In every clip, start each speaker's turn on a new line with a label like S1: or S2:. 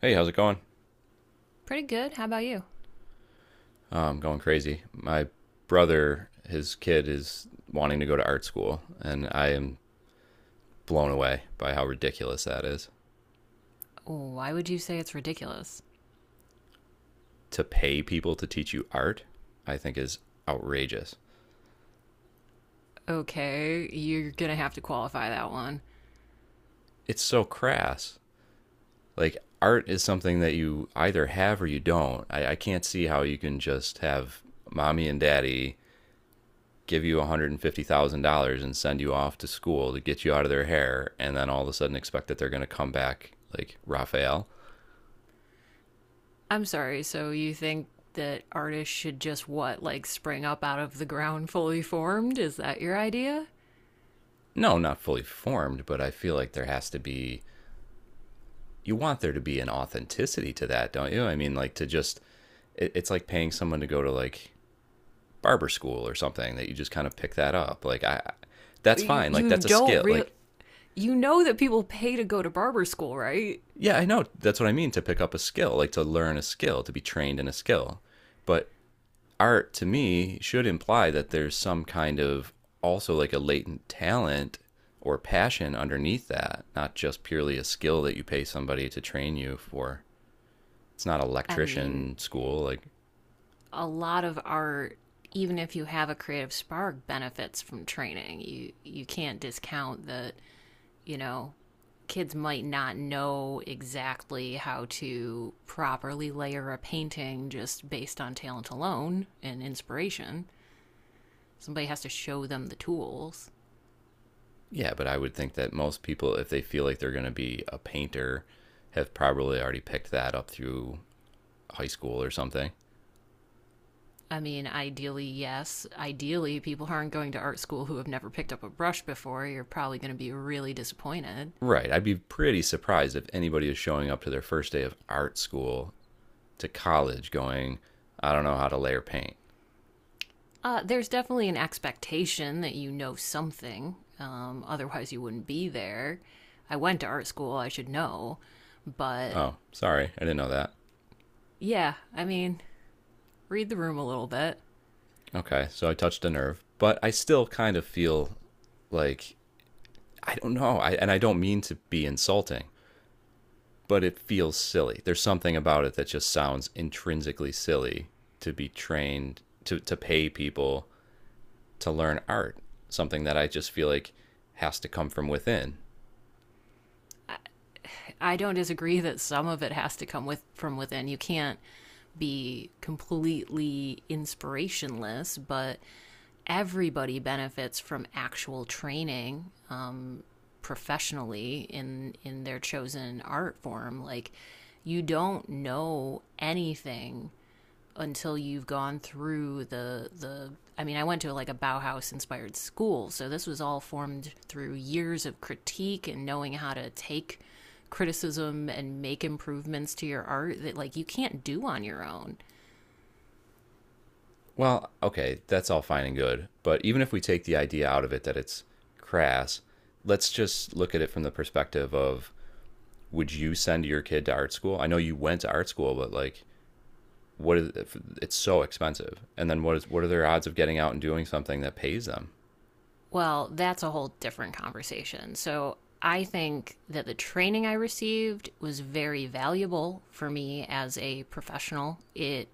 S1: Hey, how's it going?
S2: Pretty good. How about you?
S1: I'm going crazy. My brother, his kid is wanting to go to art school, and I am blown away by how ridiculous that is.
S2: Why would you say it's ridiculous?
S1: To pay people to teach you art, I think is outrageous.
S2: Okay, you're gonna have to qualify that one.
S1: It's so crass. Like art is something that you either have or you don't. I can't see how you can just have mommy and daddy give you $150,000 and send you off to school to get you out of their hair and then all of a sudden expect that they're going to come back like Raphael.
S2: I'm sorry, so you think that artists should just what, like spring up out of the ground fully formed? Is that your idea?
S1: No, not fully formed, but I feel like there has to be, you want there to be an authenticity to that, don't you? I mean, like to just, it's like paying someone to go to like barber school or something that you just kind of pick that up. That's
S2: You,
S1: fine. Like,
S2: you
S1: that's a
S2: don't
S1: skill.
S2: real.
S1: Like,
S2: You know that people pay to go to barber school, right?
S1: yeah, I know. That's what I mean, to pick up a skill, like to learn a skill, to be trained in a skill. But art to me should imply that there's some kind of also like a latent talent or passion underneath that, not just purely a skill that you pay somebody to train you for. It's not
S2: I mean,
S1: electrician school like,
S2: a lot of art, even if you have a creative spark, benefits from training. You can't discount that you know, kids might not know exactly how to properly layer a painting just based on talent alone and inspiration. Somebody has to show them the tools.
S1: yeah, but I would think that most people, if they feel like they're going to be a painter, have probably already picked that up through high school or something.
S2: I mean, ideally, yes. Ideally, people aren't going to art school who have never picked up a brush before, you're probably going to be really disappointed.
S1: Right. I'd be pretty surprised if anybody is showing up to their first day of art school, to college, going, I don't know how to layer paint.
S2: There's definitely an expectation that you know something, otherwise, you wouldn't be there. I went to art school, I should know. But
S1: Oh, sorry. I didn't know that.
S2: yeah, I mean, read the room a little bit.
S1: Okay. So I touched a nerve, but I still kind of feel like I don't know. I, and I don't mean to be insulting, but it feels silly. There's something about it that just sounds intrinsically silly to be trained to pay people to learn art, something that I just feel like has to come from within.
S2: I don't disagree that some of it has to come with from within. You can't be completely inspirationless, but everybody benefits from actual training professionally in their chosen art form. Like you don't know anything until you've gone through the I mean I went to like a Bauhaus inspired school, so this was all formed through years of critique and knowing how to take criticism and make improvements to your art that like you can't do on your own.
S1: Well, okay, that's all fine and good, but even if we take the idea out of it that it's crass, let's just look at it from the perspective of, would you send your kid to art school? I know you went to art school, but like, what is, it's so expensive? And then what is, what are their odds of getting out and doing something that pays them?
S2: Well, that's a whole different conversation. So I think that the training I received was very valuable for me as a professional. It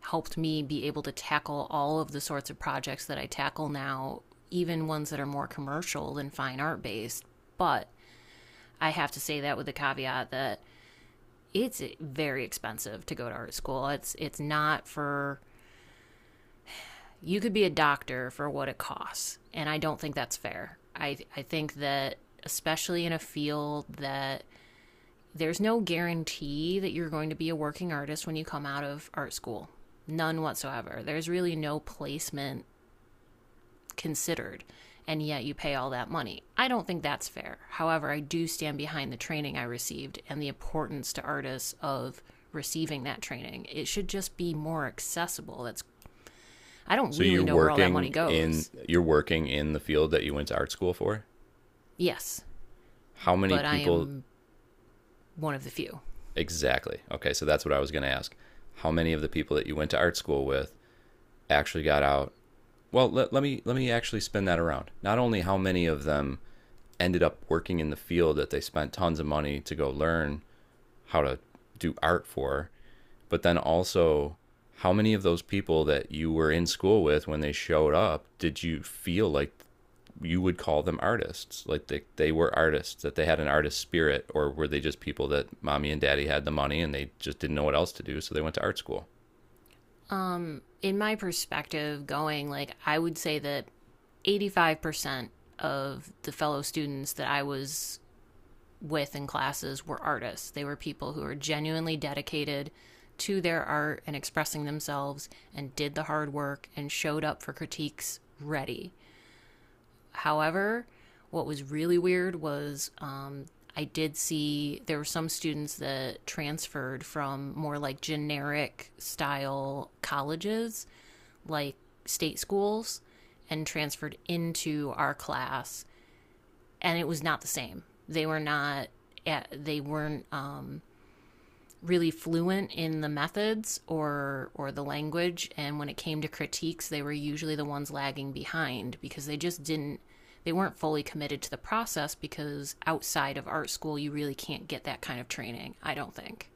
S2: helped me be able to tackle all of the sorts of projects that I tackle now, even ones that are more commercial than fine art based. But I have to say that with the caveat that it's very expensive to go to art school. It's not for you could be a doctor for what it costs, and I don't think that's fair. I think that especially in a field that there's no guarantee that you're going to be a working artist when you come out of art school. None whatsoever. There's really no placement considered, and yet you pay all that money. I don't think that's fair. However, I do stand behind the training I received and the importance to artists of receiving that training. It should just be more accessible. That's I don't
S1: So you're
S2: really know where all that money
S1: working in,
S2: goes.
S1: you're working in the field that you went to art school for.
S2: Yes,
S1: How many
S2: but I
S1: people
S2: am one of the few.
S1: exactly? Okay, so that's what I was going to ask. How many of the people that you went to art school with actually got out? Well, let me actually spin that around. Not only how many of them ended up working in the field that they spent tons of money to go learn how to do art for, but then also, how many of those people that you were in school with when they showed up did you feel like you would call them artists? Like they were artists, that they had an artist spirit, or were they just people that mommy and daddy had the money and they just didn't know what else to do, so they went to art school?
S2: In my perspective going, like, I would say that 85% of the fellow students that I was with in classes were artists. They were people who were genuinely dedicated to their art and expressing themselves and did the hard work and showed up for critiques ready. However, what was really weird was I did see there were some students that transferred from more like generic style colleges, like state schools, and transferred into our class, and it was not the same. They were not they weren't really fluent in the methods or the language, and when it came to critiques they were usually the ones lagging behind because they just didn't they weren't fully committed to the process, because outside of art school you really can't get that kind of training I don't think.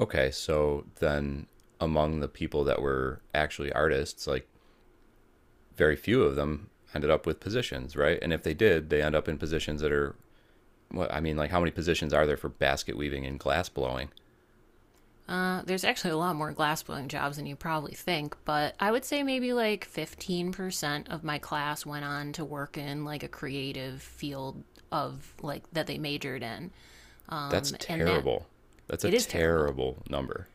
S1: Okay, so then among the people that were actually artists, like very few of them ended up with positions, right? And if they did, they end up in positions that are, well, I mean, like how many positions are there for basket weaving and glass blowing?
S2: There's actually a lot more glass blowing jobs than you probably think, but I would say maybe like 15% of my class went on to work in like a creative field of like that they majored in.
S1: That's
S2: And that
S1: terrible. That's a
S2: it is terrible.
S1: terrible number.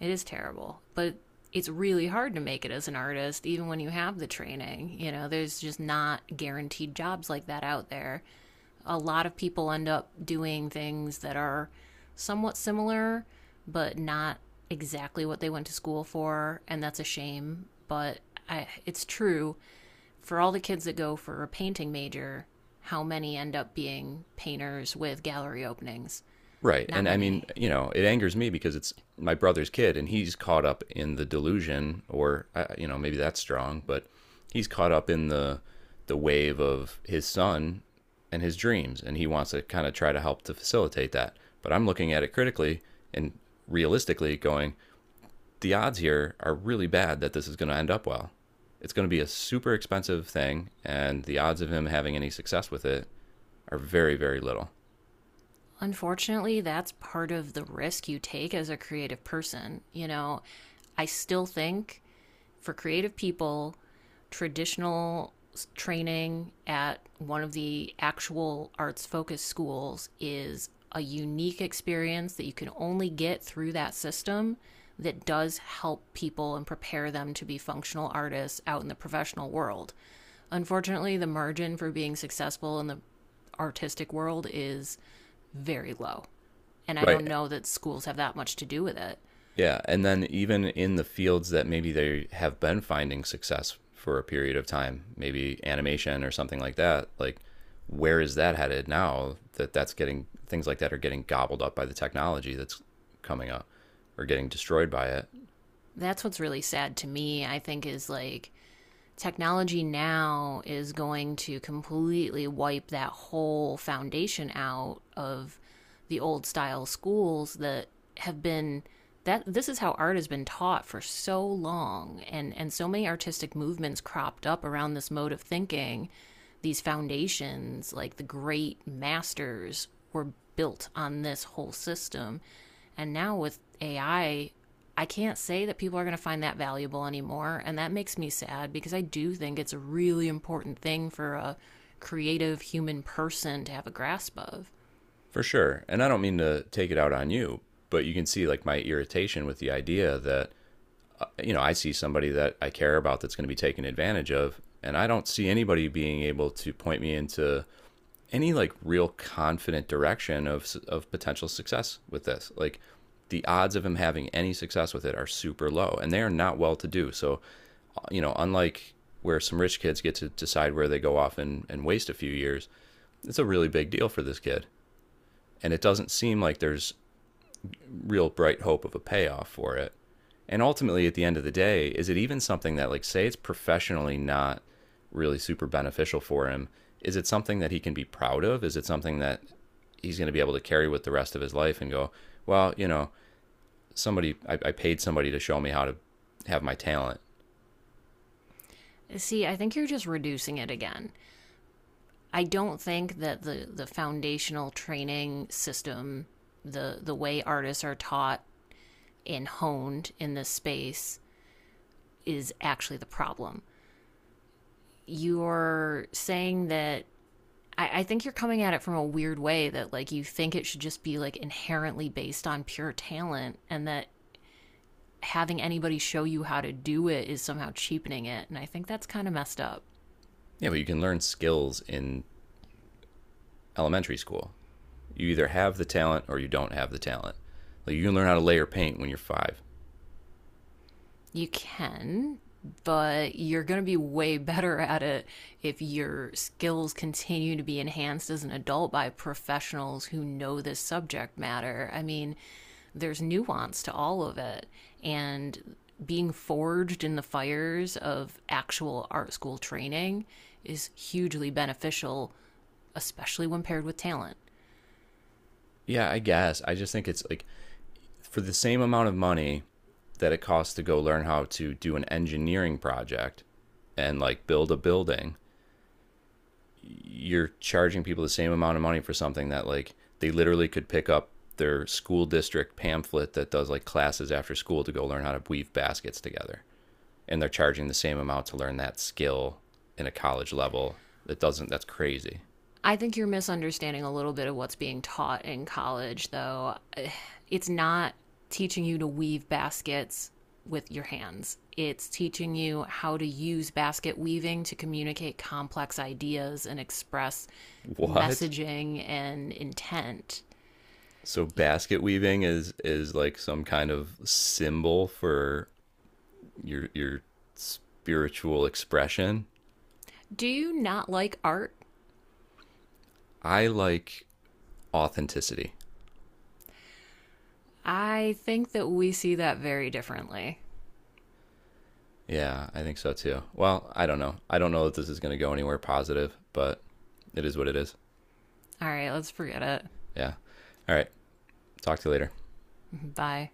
S2: It is terrible, but it's really hard to make it as an artist, even when you have the training. You know, there's just not guaranteed jobs like that out there. A lot of people end up doing things that are somewhat similar, but not exactly what they went to school for, and that's a shame. But I, it's true, for all the kids that go for a painting major, how many end up being painters with gallery openings?
S1: Right.
S2: Not
S1: And I mean,
S2: many.
S1: you know, it angers me because it's my brother's kid and he's caught up in the delusion, or you know, maybe that's strong, but he's caught up in the wave of his son and his dreams and he wants to kind of try to help to facilitate that. But I'm looking at it critically and realistically, going, the odds here are really bad that this is going to end up well. It's going to be a super expensive thing and the odds of him having any success with it are very, very little.
S2: Unfortunately, that's part of the risk you take as a creative person. You know, I still think for creative people traditional training at one of the actual arts focused schools is a unique experience that you can only get through that system, that does help people and prepare them to be functional artists out in the professional world. Unfortunately, the margin for being successful in the artistic world is very low. And I
S1: Right.
S2: don't know that schools have that much to do with it.
S1: Yeah, and then even in the fields that maybe they have been finding success for a period of time, maybe animation or something like that, like where is that headed now that that's getting, things like that are getting gobbled up by the technology that's coming up or getting destroyed by it?
S2: That's what's really sad to me, I think, is like technology now is going to completely wipe that whole foundation out of the old style schools that have been that this is how art has been taught for so long, and so many artistic movements cropped up around this mode of thinking, these foundations like the great masters were built on this whole system, and now with AI I can't say that people are going to find that valuable anymore. And that makes me sad because I do think it's a really important thing for a creative human person to have a grasp of.
S1: For sure. And I don't mean to take it out on you, but you can see like my irritation with the idea that, you know, I see somebody that I care about that's going to be taken advantage of and I don't see anybody being able to point me into any like real confident direction of potential success with this. Like the odds of him having any success with it are super low and they are not well to do. So, you know, unlike where some rich kids get to decide where they go off and waste a few years, it's a really big deal for this kid. And it doesn't seem like there's real bright hope of a payoff for it. And ultimately, at the end of the day, is it even something that, like, say it's professionally not really super beneficial for him? Is it something that he can be proud of? Is it something that he's going to be able to carry with the rest of his life and go, well, you know, somebody, I paid somebody to show me how to have my talent.
S2: See, I think you're just reducing it again. I don't think that the foundational training system, the way artists are taught and honed in this space, is actually the problem. You're saying that I think you're coming at it from a weird way that like you think it should just be like inherently based on pure talent, and that having anybody show you how to do it is somehow cheapening it. And I think that's kind of messed up.
S1: Yeah, but you can learn skills in elementary school. You either have the talent or you don't have the talent. Like, you can learn how to layer paint when you're 5.
S2: You can, but you're going to be way better at it if your skills continue to be enhanced as an adult by professionals who know this subject matter. I mean, there's nuance to all of it. And being forged in the fires of actual art school training is hugely beneficial, especially when paired with talent.
S1: Yeah, I guess. I just think it's like, for the same amount of money that it costs to go learn how to do an engineering project and like build a building, you're charging people the same amount of money for something that like they literally could pick up their school district pamphlet that does like classes after school to go learn how to weave baskets together. And they're charging the same amount to learn that skill in a college level. That doesn't that's crazy.
S2: I think you're misunderstanding a little bit of what's being taught in college, though. It's not teaching you to weave baskets with your hands, it's teaching you how to use basket weaving to communicate complex ideas and express
S1: What?
S2: messaging and intent.
S1: So basket weaving is like some kind of symbol for your spiritual expression.
S2: Do you not like art?
S1: I like authenticity.
S2: I think that we see that very differently.
S1: Yeah, I think so too. Well, I don't know. I don't know that this is going to go anywhere positive, but it is what it is.
S2: All right, let's forget it.
S1: Yeah. All right. Talk to you later.
S2: Bye.